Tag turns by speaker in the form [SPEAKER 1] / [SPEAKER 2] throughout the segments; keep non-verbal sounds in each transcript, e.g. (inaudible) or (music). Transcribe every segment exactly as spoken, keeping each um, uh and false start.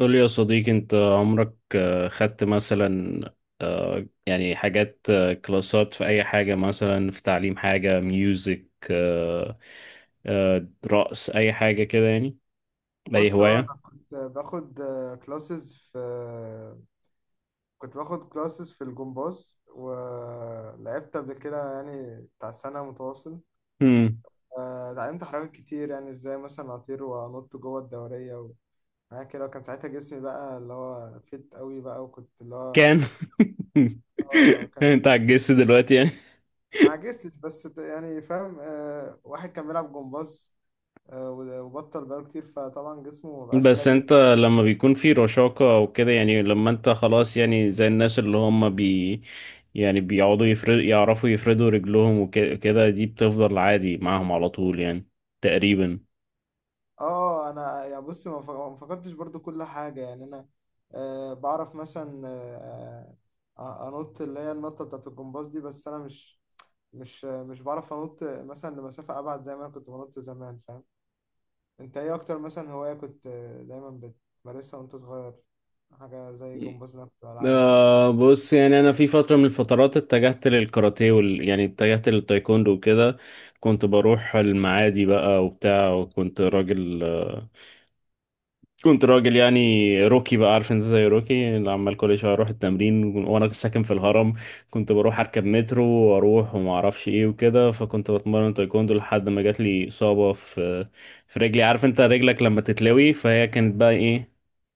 [SPEAKER 1] قول لي يا صديقي، انت عمرك آه، خدت مثلا آه، يعني حاجات آه، كلاسات في اي حاجة، مثلا في تعليم حاجة ميوزك، آه، آه، رقص اي حاجة كده يعني؟ اي
[SPEAKER 2] بص اه
[SPEAKER 1] هواية؟
[SPEAKER 2] انا كنت باخد كلاسز في. كنت باخد كلاسز في الجمباز ولعبت قبل كده يعني بتاع سنة متواصل.
[SPEAKER 1] مم.
[SPEAKER 2] آه، اتعلمت حاجات كتير يعني ازاي مثلا اطير وانط جوه الدورية وحاجات كده، وكان ساعتها جسمي بقى اللي هو فت قوي بقى، وكنت اللي هو
[SPEAKER 1] كان
[SPEAKER 2] اه
[SPEAKER 1] (laughs)
[SPEAKER 2] كان
[SPEAKER 1] انت
[SPEAKER 2] فت.
[SPEAKER 1] عجزت دلوقتي يعني؟
[SPEAKER 2] ما عجزتش بس ت- يعني فاهم، آه، واحد كان بيلعب جمباز آه، وبطل بقاله كتير فطبعا جسمه مبقاش
[SPEAKER 1] بس
[SPEAKER 2] لين.
[SPEAKER 1] انت لما بيكون في رشاقة او كده، يعني لما انت خلاص يعني زي الناس اللي هم بي، يعني بيقعدوا يفرد يعرفوا يفردوا رجلهم وكده، دي بتفضل عادي معاهم على طول يعني، تقريبا.
[SPEAKER 2] اه انا يعني بص ما ف- ما فقدتش برضو كل حاجه يعني انا آه بعرف مثلا، آه آه، انط اللي هي النطه بتاعت الجمباز دي، بس انا مش مش مش بعرف انط مثلا لمسافه ابعد زي ما انا كنت بنط زمان فاهم. انت ايه اكتر مثلا هوايه كنت آه، دايما بتمارسها وانت صغير؟ حاجه زي الجمباز اللي انا كنت بلعبها كده مثلا.
[SPEAKER 1] آه بص يعني انا في فتره من الفترات اتجهت للكاراتيه وال... يعني اتجهت للتايكوندو وكده. كنت بروح المعادي بقى وبتاع، وكنت راجل آه كنت راجل يعني روكي بقى، عارف انت زي روكي، اللي عمال كل شويه اروح التمرين وانا ساكن في الهرم. كنت بروح اركب مترو واروح وما اعرفش ايه وكده، فكنت بتمرن تايكوندو لحد ما جات لي اصابه في في رجلي. عارف انت رجلك لما تتلوي، فهي كانت بقى ايه،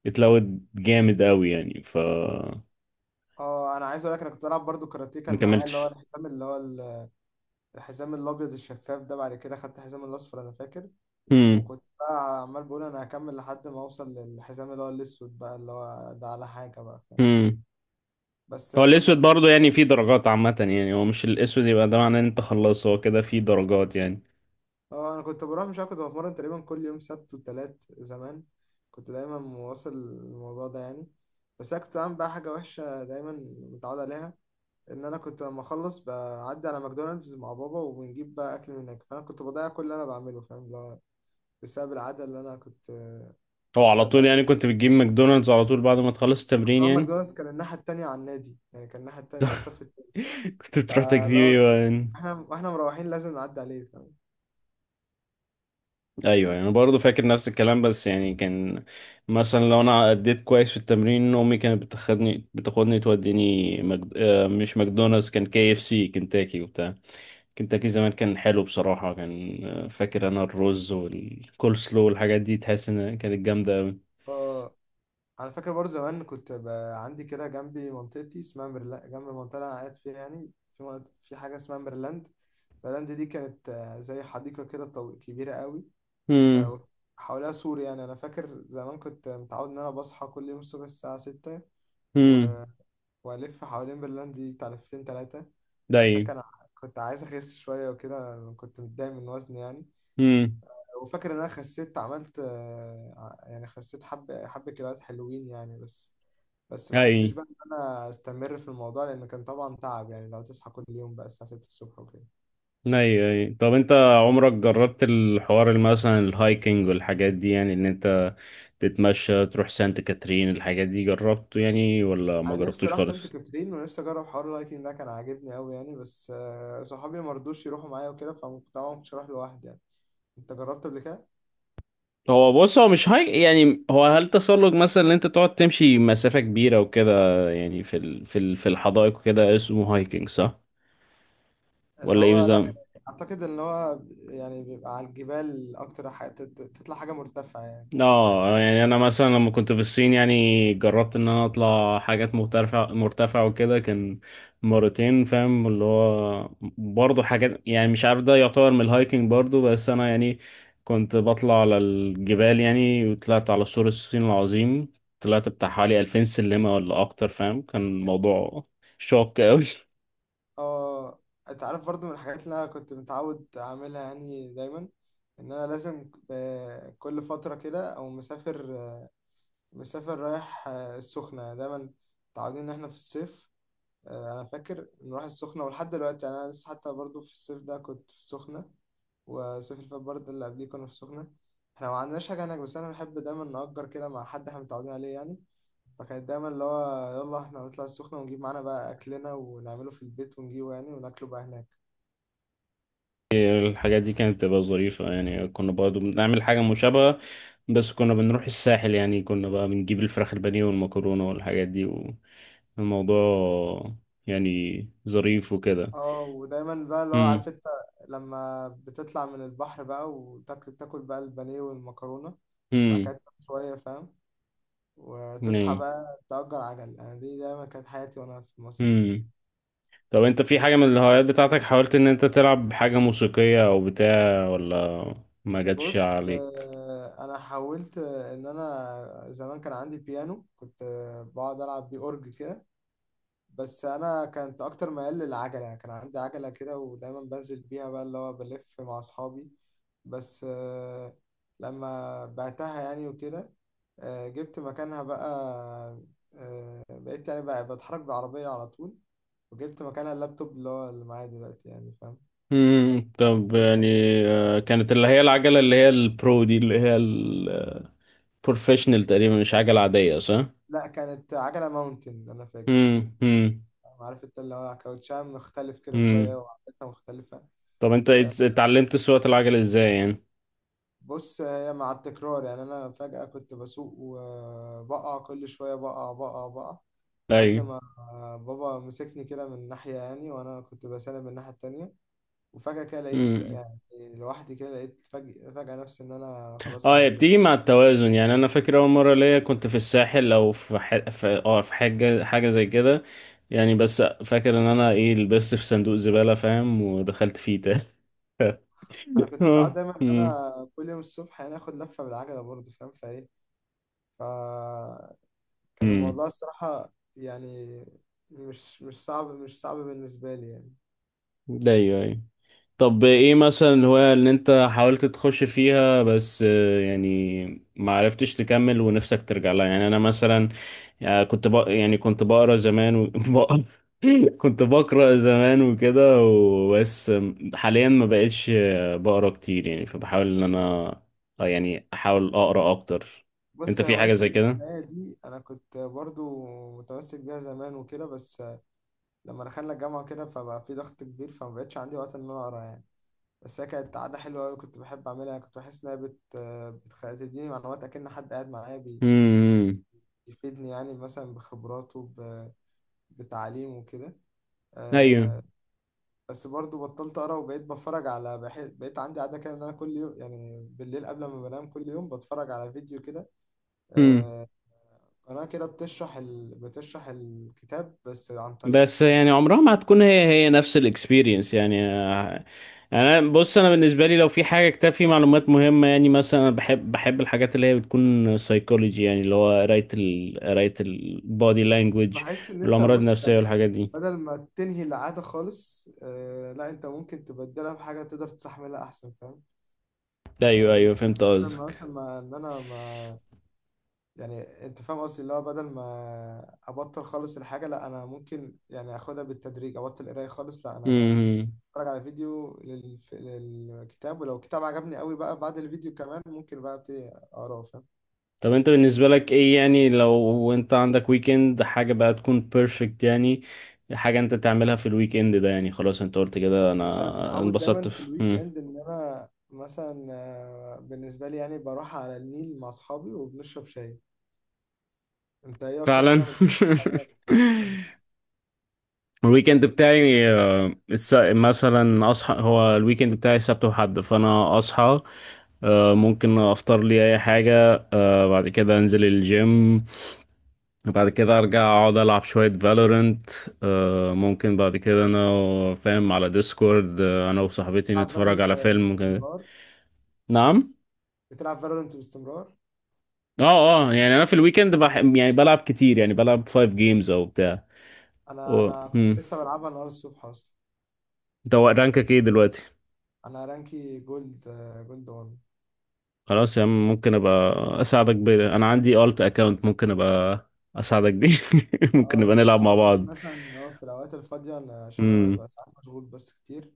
[SPEAKER 1] اتلوت جامد قوي يعني ف،
[SPEAKER 2] اه انا عايز اقول لك انا كنت بلعب برضو كاراتيه،
[SPEAKER 1] ما
[SPEAKER 2] كان معايا اللي هو
[SPEAKER 1] كملتش.
[SPEAKER 2] الحزام اللي هو ال- الحزام الابيض الشفاف ده، بعد كده خدت حزام الاصفر انا فاكر.
[SPEAKER 1] امم.
[SPEAKER 2] وكنت بقى عمال بقول انا هكمل لحد ما اوصل للحزام اللي هو الاسود بقى، اللي هو ده على حاجه بقى فاهم.
[SPEAKER 1] امم.
[SPEAKER 2] بس
[SPEAKER 1] هو
[SPEAKER 2] ما
[SPEAKER 1] الاسود
[SPEAKER 2] كملت.
[SPEAKER 1] برضه يعني فيه درجات، عامة يعني هو مش الاسود يبقى ده معناه ان انت خلصت، هو كده فيه درجات يعني.
[SPEAKER 2] اه انا كنت بروح مش عارف كنت بتمرن تقريبا كل يوم سبت وتلات زمان، كنت دايما مواصل الموضوع ده يعني. بس انا كنت بعمل بقى حاجه وحشه دايما متعود عليها، ان انا كنت لما اخلص بعدي على ماكدونالدز مع بابا وبنجيب بقى اكل من هناك، فانا كنت بضيع كل اللي انا بعمله فاهم، اللي هو بسبب العاده اللي انا كنت
[SPEAKER 1] هو
[SPEAKER 2] مش
[SPEAKER 1] على
[SPEAKER 2] مسيطر
[SPEAKER 1] طول
[SPEAKER 2] عليها.
[SPEAKER 1] يعني كنت بتجيب ماكدونالدز على طول بعد ما تخلص التمرين
[SPEAKER 2] بس هو
[SPEAKER 1] يعني؟
[SPEAKER 2] ماكدونالدز كان الناحيه التانيه على النادي يعني، كان الناحيه التانيه الصف،
[SPEAKER 1] (laughs) كنت بتروح تجيب؟
[SPEAKER 2] فلو
[SPEAKER 1] ايوه يعني.
[SPEAKER 2] احنا واحنا مروحين لازم نعدي عليه فاهم.
[SPEAKER 1] ايوه يعني برضه، فاكر نفس الكلام، بس يعني كان مثلا لو انا اديت كويس في التمرين امي كانت بتاخدني بتاخدني توديني مجد... آه، مش ماكدونالدز، كان كي اف سي كنتاكي وبتاع. كنتاكي زمان كان حلو بصراحة، كان آه، فاكر أنا الرز والكول سلو والحاجات دي، تحس إن كانت جامدة أوي.
[SPEAKER 2] ف انا فاكر برضه زمان كنت بقى عندي كده جنبي منطقتي اسمها ميرلا جنب المنطقه اللي انا قاعد فيها يعني. في منط- في حاجه اسمها ميرلاند. ميرلاند دي كانت، آه، زي حديقه كده طو- كبيره قوي،
[SPEAKER 1] هم.
[SPEAKER 2] آه، حواليها سور. يعني انا فاكر زمان كنت متعود ان انا بصحى كل يوم الصبح الساعه ستة
[SPEAKER 1] هم.
[SPEAKER 2] و... والف حوالين ميرلاند دي بتاع لفتين تلاتة.
[SPEAKER 1] ده
[SPEAKER 2] عشان
[SPEAKER 1] إيه؟
[SPEAKER 2] كان ع- كنت عايز اخس شويه وكده، كنت متضايق من وزني يعني.
[SPEAKER 1] هم.
[SPEAKER 2] وفاكر ان انا خسيت، عملت، آه، ع- يعني خسيت حبة حبة كيلوات حلوين يعني. بس بس ما عرفتش
[SPEAKER 1] أي.
[SPEAKER 2] بقى ان انا استمر في الموضوع، لان كان طبعا تعب يعني لو تصحى كل يوم بقى الساعة ستة الصبح وكده.
[SPEAKER 1] أي أي طب أنت عمرك جربت الحوار اللي مثلا الهايكنج والحاجات دي، يعني إن أنت تتمشى تروح سانت كاترين، الحاجات دي جربته يعني ولا ما
[SPEAKER 2] انا نفسي
[SPEAKER 1] جربتوش
[SPEAKER 2] اروح سانت
[SPEAKER 1] خالص؟
[SPEAKER 2] كاترين ونفسي اجرب حوار اللايكنج ده، كان عاجبني قوي يعني، بس آه، صحابي ما رضوش يروحوا معايا وكده، فطبعا ما كنتش اروح لوحدي يعني. انت جربت قبل كده؟
[SPEAKER 1] هو بص، هو مش هاي يعني، هو هل تسلق مثلا، ان انت تقعد تمشي مسافة كبيرة وكده يعني، في ال... في ال... في الحدائق وكده، اسمه هايكنج صح؟
[SPEAKER 2] اللي
[SPEAKER 1] ولا ايه
[SPEAKER 2] هو لا،
[SPEAKER 1] بالظبط؟
[SPEAKER 2] اعتقد ان هو يعني بيبقى على الجبال، اكتر حاجة تت- تطلع حاجة مرتفعة يعني.
[SPEAKER 1] اه يعني انا مثلا لما كنت في الصين يعني جربت ان انا اطلع حاجات مرتفع مرتفع وكده، كان مرتين فاهم اللي هو، برضه حاجات يعني مش عارف ده يعتبر من الهايكنج برضه، بس انا يعني كنت بطلع على الجبال يعني، وطلعت على سور الصين العظيم. طلعت بتاع حوالي ألفين سلمة ولا اكتر، فاهم، كان الموضوع شاق قوي.
[SPEAKER 2] اه انت عارف برضو من الحاجات اللي انا كنت متعود اعملها يعني دايما، ان انا لازم ب- كل فتره كده او مسافر، مسافر رايح، آه، السخنه دايما، متعودين ان احنا في الصيف، آه، انا فاكر نروح السخنه، ولحد دلوقتي يعني انا لسه حتى برضو في الصيف ده كنت في السخنه، والصيف اللي فات برضه اللي قبليه كنا في السخنه. احنا ما عندناش حاجه هناك، بس انا بحب دايما نأجر كده مع حد احنا متعودين عليه يعني. فكانت دايما اللي هو يلا احنا نطلع السخنة ونجيب معانا بقى أكلنا ونعمله في البيت ونجيبه يعني وناكله بقى هناك.
[SPEAKER 1] الحاجات دي كانت بتبقى ظريفة يعني، كنا برضه بنعمل حاجة مشابهة، بس كنا بنروح الساحل يعني، كنا بقى بنجيب الفراخ البانيه والمكرونة والحاجات دي، والموضوع يعني ظريف وكده.
[SPEAKER 2] اه ودايما بقى اللي هو
[SPEAKER 1] امم.
[SPEAKER 2] عارف انت، لما بتطلع من البحر بقى وتاكل، تاكل بقى البانيه والمكرونة، بعد كده
[SPEAKER 1] امم.
[SPEAKER 2] تنام شوية فاهم، وتصحى
[SPEAKER 1] نعم.
[SPEAKER 2] بقى تأجر عجل. أنا دي دايما كانت حياتي وأنا في مصر يعني.
[SPEAKER 1] امم. طب انت في
[SPEAKER 2] كان
[SPEAKER 1] حاجة من الهوايات بتاعتك حاولت ان انت تلعب حاجة موسيقية او بتاع؟ ولا ما جاتش
[SPEAKER 2] بص،
[SPEAKER 1] عليك؟
[SPEAKER 2] آه، أنا حاولت، آه، إن أنا زمان كان عندي بيانو، كنت آه، بقعد ألعب بيه أورج كده. بس انا كنت اكتر ميال للعجله يعني، كان عندي عجله كده ودايما بنزل بيها بقى اللي هو بلف مع اصحابي، بس، آه، لما بعتها يعني وكده، آه، جبت مكانها بقى، آه، بقيت يعني بقى بتحرك بالعربيه على طول، وجبت مكانها اللابتوب اللي هو اللي معايا دلوقتي يعني فاهم. كان
[SPEAKER 1] مم.
[SPEAKER 2] بقى
[SPEAKER 1] طب
[SPEAKER 2] فلوس
[SPEAKER 1] يعني
[SPEAKER 2] يعني، حطيت
[SPEAKER 1] آه،
[SPEAKER 2] فلوس.
[SPEAKER 1] كانت اللي هي العجلة اللي هي البرو دي اللي هي البروفيشنال تقريبا، مش عجلة عادية صح؟
[SPEAKER 2] لا، كانت عجله ماونتن انا فاكر،
[SPEAKER 1] مم. مم.
[SPEAKER 2] عارف انت اللي هو كاوتشام مختلف كده شويه
[SPEAKER 1] مم.
[SPEAKER 2] وعدتها مختلفه.
[SPEAKER 1] طب انت ات- اتعلمت سواقة العجل ازاي يعني؟
[SPEAKER 2] بص هي مع التكرار يعني، انا فجأة كنت بسوق وبقع كل شوية، بقع بقع بقع لحد
[SPEAKER 1] ايوه.
[SPEAKER 2] ما بابا مسكني كده من ناحية يعني، وانا كنت بسلم من الناحية التانية، وفجأة كده لقيت
[SPEAKER 1] مم.
[SPEAKER 2] يعني لوحدي، كده لقيت فجأة, فجأة نفسي ان انا خلاص
[SPEAKER 1] اه
[SPEAKER 2] انا
[SPEAKER 1] هي
[SPEAKER 2] بقيت
[SPEAKER 1] بتيجي
[SPEAKER 2] لوحدي.
[SPEAKER 1] مع التوازن يعني. انا فاكر اول مرة ليا كنت في الساحل او في ح... في اه في حاجة، حاجة زي كده يعني، بس فاكر ان انا ايه لبست في صندوق زبالة فاهم، ودخلت فيه تاني.
[SPEAKER 2] انا
[SPEAKER 1] (laughs)
[SPEAKER 2] كنت متعود
[SPEAKER 1] اه.
[SPEAKER 2] دايما ان
[SPEAKER 1] مم.
[SPEAKER 2] انا كل يوم الصبح يعني اخد لفة بالعجلة برضه فاهم فايه. فكان
[SPEAKER 1] مم.
[SPEAKER 2] الموضوع الصراحة يعني مش، مش صعب مش صعب بالنسبة لي يعني.
[SPEAKER 1] ايوه ايوه. طب ايه مثلا الهواية اللي انت حاولت تخش فيها بس آه، يعني ما عرفتش تكمل، ونفسك ترجع لها؟ يعني انا مثلا آه، كنت بق... يعني كنت بقرا زمان و... (laughs) بق- كنت بقرا زمان وكده وبس، آه، حاليا ما بقتش آه، بقرا كتير يعني، فبحاول ان انا آه، يعني احاول اقرا اكتر. انت
[SPEAKER 2] بص
[SPEAKER 1] في حاجة
[SPEAKER 2] هوايات
[SPEAKER 1] زي كده؟
[SPEAKER 2] القراية دي أنا كنت برضو متمسك بيها زمان وكده، بس لما دخلنا الجامعة كده فبقى في ضغط كبير، فمبقتش عندي وقت إن أنا أقرا يعني. بس هي كانت عادة حلوة أوي كنت بحب أعملها يعني. كنت بحس إنها بت... بتخ... بتديني معلومات أكن حد قاعد معايا بي...
[SPEAKER 1] امم.
[SPEAKER 2] بيفيدني يعني مثلا بخبراته ب... بتعليمه وكده
[SPEAKER 1] ايوه.
[SPEAKER 2] أه... بس برضو بطلت أقرا وبقيت بتفرج على بح... بقيت عندي عادة كده إن أنا كل يوم يعني بالليل قبل ما بنام كل يوم بتفرج على فيديو كده، آه، قناة كده بتشرح ال... بتشرح الكتاب بس عن طريق،
[SPEAKER 1] بس يعني عمرها ما هتكون هي هي نفس الاكسبيرينس يعني، آه، انا بص، انا بالنسبه لي لو في حاجه كتاب فيه معلومات مهمه يعني، مثلا انا بحب بحب الحاجات اللي هي بتكون سايكولوجي، يعني اللي هو قرايه ال قرايه البودي
[SPEAKER 2] بس
[SPEAKER 1] لانجوج
[SPEAKER 2] بحس إن أنت
[SPEAKER 1] والامراض
[SPEAKER 2] بص
[SPEAKER 1] النفسيه
[SPEAKER 2] يعني،
[SPEAKER 1] والحاجات دي.
[SPEAKER 2] بدل ما تنهي العادة خالص، آه لا أنت ممكن تبدلها بحاجة تقدر تستحملها أحسن فاهم.
[SPEAKER 1] ايوه
[SPEAKER 2] فيعني
[SPEAKER 1] ايوه فهمت
[SPEAKER 2] بدل ما
[SPEAKER 1] قصدك.
[SPEAKER 2] مثلا ما إن أنا ما يعني أنت فاهم قصدي اللي هو بدل ما أبطل خالص الحاجة، لا أنا ممكن يعني أخدها بالتدريج، أبطل قراية خالص لا، أنا
[SPEAKER 1] امم.
[SPEAKER 2] بتفرج على فيديو لل... للكتاب، ولو كتاب عجبني قوي بقى بعد الفيديو كمان ممكن بقى أبتدي أقراه فاهم.
[SPEAKER 1] طب انت بالنسبه لك ايه يعني لو انت عندك ويكند، حاجه بقى تكون بيرفكت يعني، حاجه انت تعملها في الويكند ده يعني، خلاص انت قلت كده
[SPEAKER 2] بص انا
[SPEAKER 1] انا
[SPEAKER 2] متعود
[SPEAKER 1] انبسطت
[SPEAKER 2] دايما في
[SPEAKER 1] في.
[SPEAKER 2] الويك اند ان انا مثلا، آه، بالنسبه لي يعني بروح على النيل مع اصحابي وبنشرب شاي. انت ايه اكتر
[SPEAKER 1] فعلا.
[SPEAKER 2] حاجه من بتعملها يعني؟
[SPEAKER 1] (laughs) الويكند بتاعي آه، الس- مثلا اصحى، هو الويكند بتاعي سبت وحد، فانا اصحى آه، ممكن افطر لي اي حاجه، آه، بعد كده انزل الجيم، بعد كده ارجع اقعد العب شويه فالورنت، ممكن بعد كده انا فاهم على ديسكورد، آه، انا وصاحبتي
[SPEAKER 2] بتلعب
[SPEAKER 1] نتفرج
[SPEAKER 2] فالورنت
[SPEAKER 1] على فيلم كده.
[SPEAKER 2] باستمرار؟
[SPEAKER 1] نعم.
[SPEAKER 2] بتلعب فالورنت باستمرار؟
[SPEAKER 1] اه اه يعني انا في الويكند بح... يعني بلعب كتير يعني بلعب خمس جيمز او بتاع
[SPEAKER 2] انا
[SPEAKER 1] و...
[SPEAKER 2] انا كنت
[SPEAKER 1] مم.
[SPEAKER 2] لسه بلعبها النهارده الصبح اصلا.
[SPEAKER 1] انت رانكك ايه دلوقتي؟
[SPEAKER 2] انا رانكي جولد، آه، جولد واحد.
[SPEAKER 1] خلاص يا عم، ممكن ابقى اساعدك ب... انا عندي الت اكاونت، ممكن ابقى اساعدك بيه. (laughs) ممكن
[SPEAKER 2] اه
[SPEAKER 1] نبقى نلعب
[SPEAKER 2] نبقى
[SPEAKER 1] مع
[SPEAKER 2] نشوف
[SPEAKER 1] بعض.
[SPEAKER 2] مثلا اللي هو في الاوقات الفاضيه، أنا- عشان انا
[SPEAKER 1] امم.
[SPEAKER 2] ببقى ساعات مشغول بس كتير،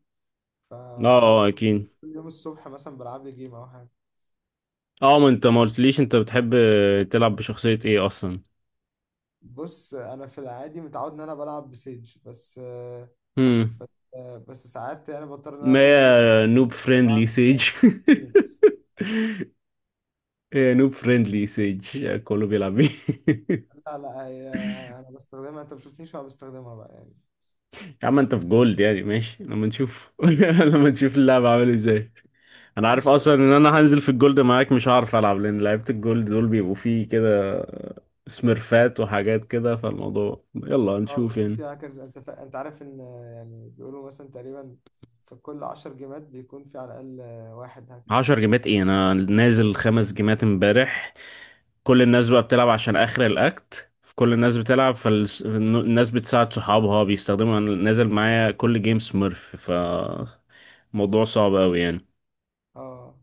[SPEAKER 1] اه اه
[SPEAKER 2] فبظبط
[SPEAKER 1] اكيد.
[SPEAKER 2] كل يوم الصبح مثلا بلعب لي جيم او حاجه.
[SPEAKER 1] اه ما انت ما قلتليش انت بتحب تلعب بشخصية ايه اصلا؟
[SPEAKER 2] بص انا في العادي متعود ان انا بلعب بسيج بس،
[SPEAKER 1] امم.
[SPEAKER 2] بس بس ساعات يعني بضطر ان انا
[SPEAKER 1] ما
[SPEAKER 2] اكون ديولست
[SPEAKER 1] هي
[SPEAKER 2] أصلاً،
[SPEAKER 1] نوب فريندلي
[SPEAKER 2] العب
[SPEAKER 1] سيج.
[SPEAKER 2] فينيكس.
[SPEAKER 1] (laughs) هي نوب فريندلي سيج، كله بيلعب بيه. (laughs)
[SPEAKER 2] لا لا هي انا بستخدمها، انت ما بتشوفنيش وانا بستخدمها بقى يعني.
[SPEAKER 1] يا عم انت في جولد يعني ماشي، لما نشوف (laughs) لما نشوف اللعبة عامل ازاي. انا عارف
[SPEAKER 2] ماشي
[SPEAKER 1] اصلا
[SPEAKER 2] ماشي.
[SPEAKER 1] ان انا هنزل في الجولد معاك مش هعرف العب، لان لعيبه الجولد دول بيبقوا فيه كده سميرفات وحاجات كده، فالموضوع يلا
[SPEAKER 2] اه
[SPEAKER 1] هنشوف
[SPEAKER 2] بيكون في
[SPEAKER 1] يعني.
[SPEAKER 2] هاكرز، انت فا... انت عارف ان، يعني بيقولوا مثلا تقريبا في كل عشر جيمات بيكون في على الاقل واحد هاكر.
[SPEAKER 1] عشر جيمات ايه، انا نازل خمس جيمات امبارح. كل الناس بقى بتلعب عشان اخر الاكت، كل الناس بتلعب فالناس بتساعد صحابها بيستخدموا، أنا نازل معايا كل جيم سميرف، ف الموضوع صعب قوي يعني.
[SPEAKER 2] اه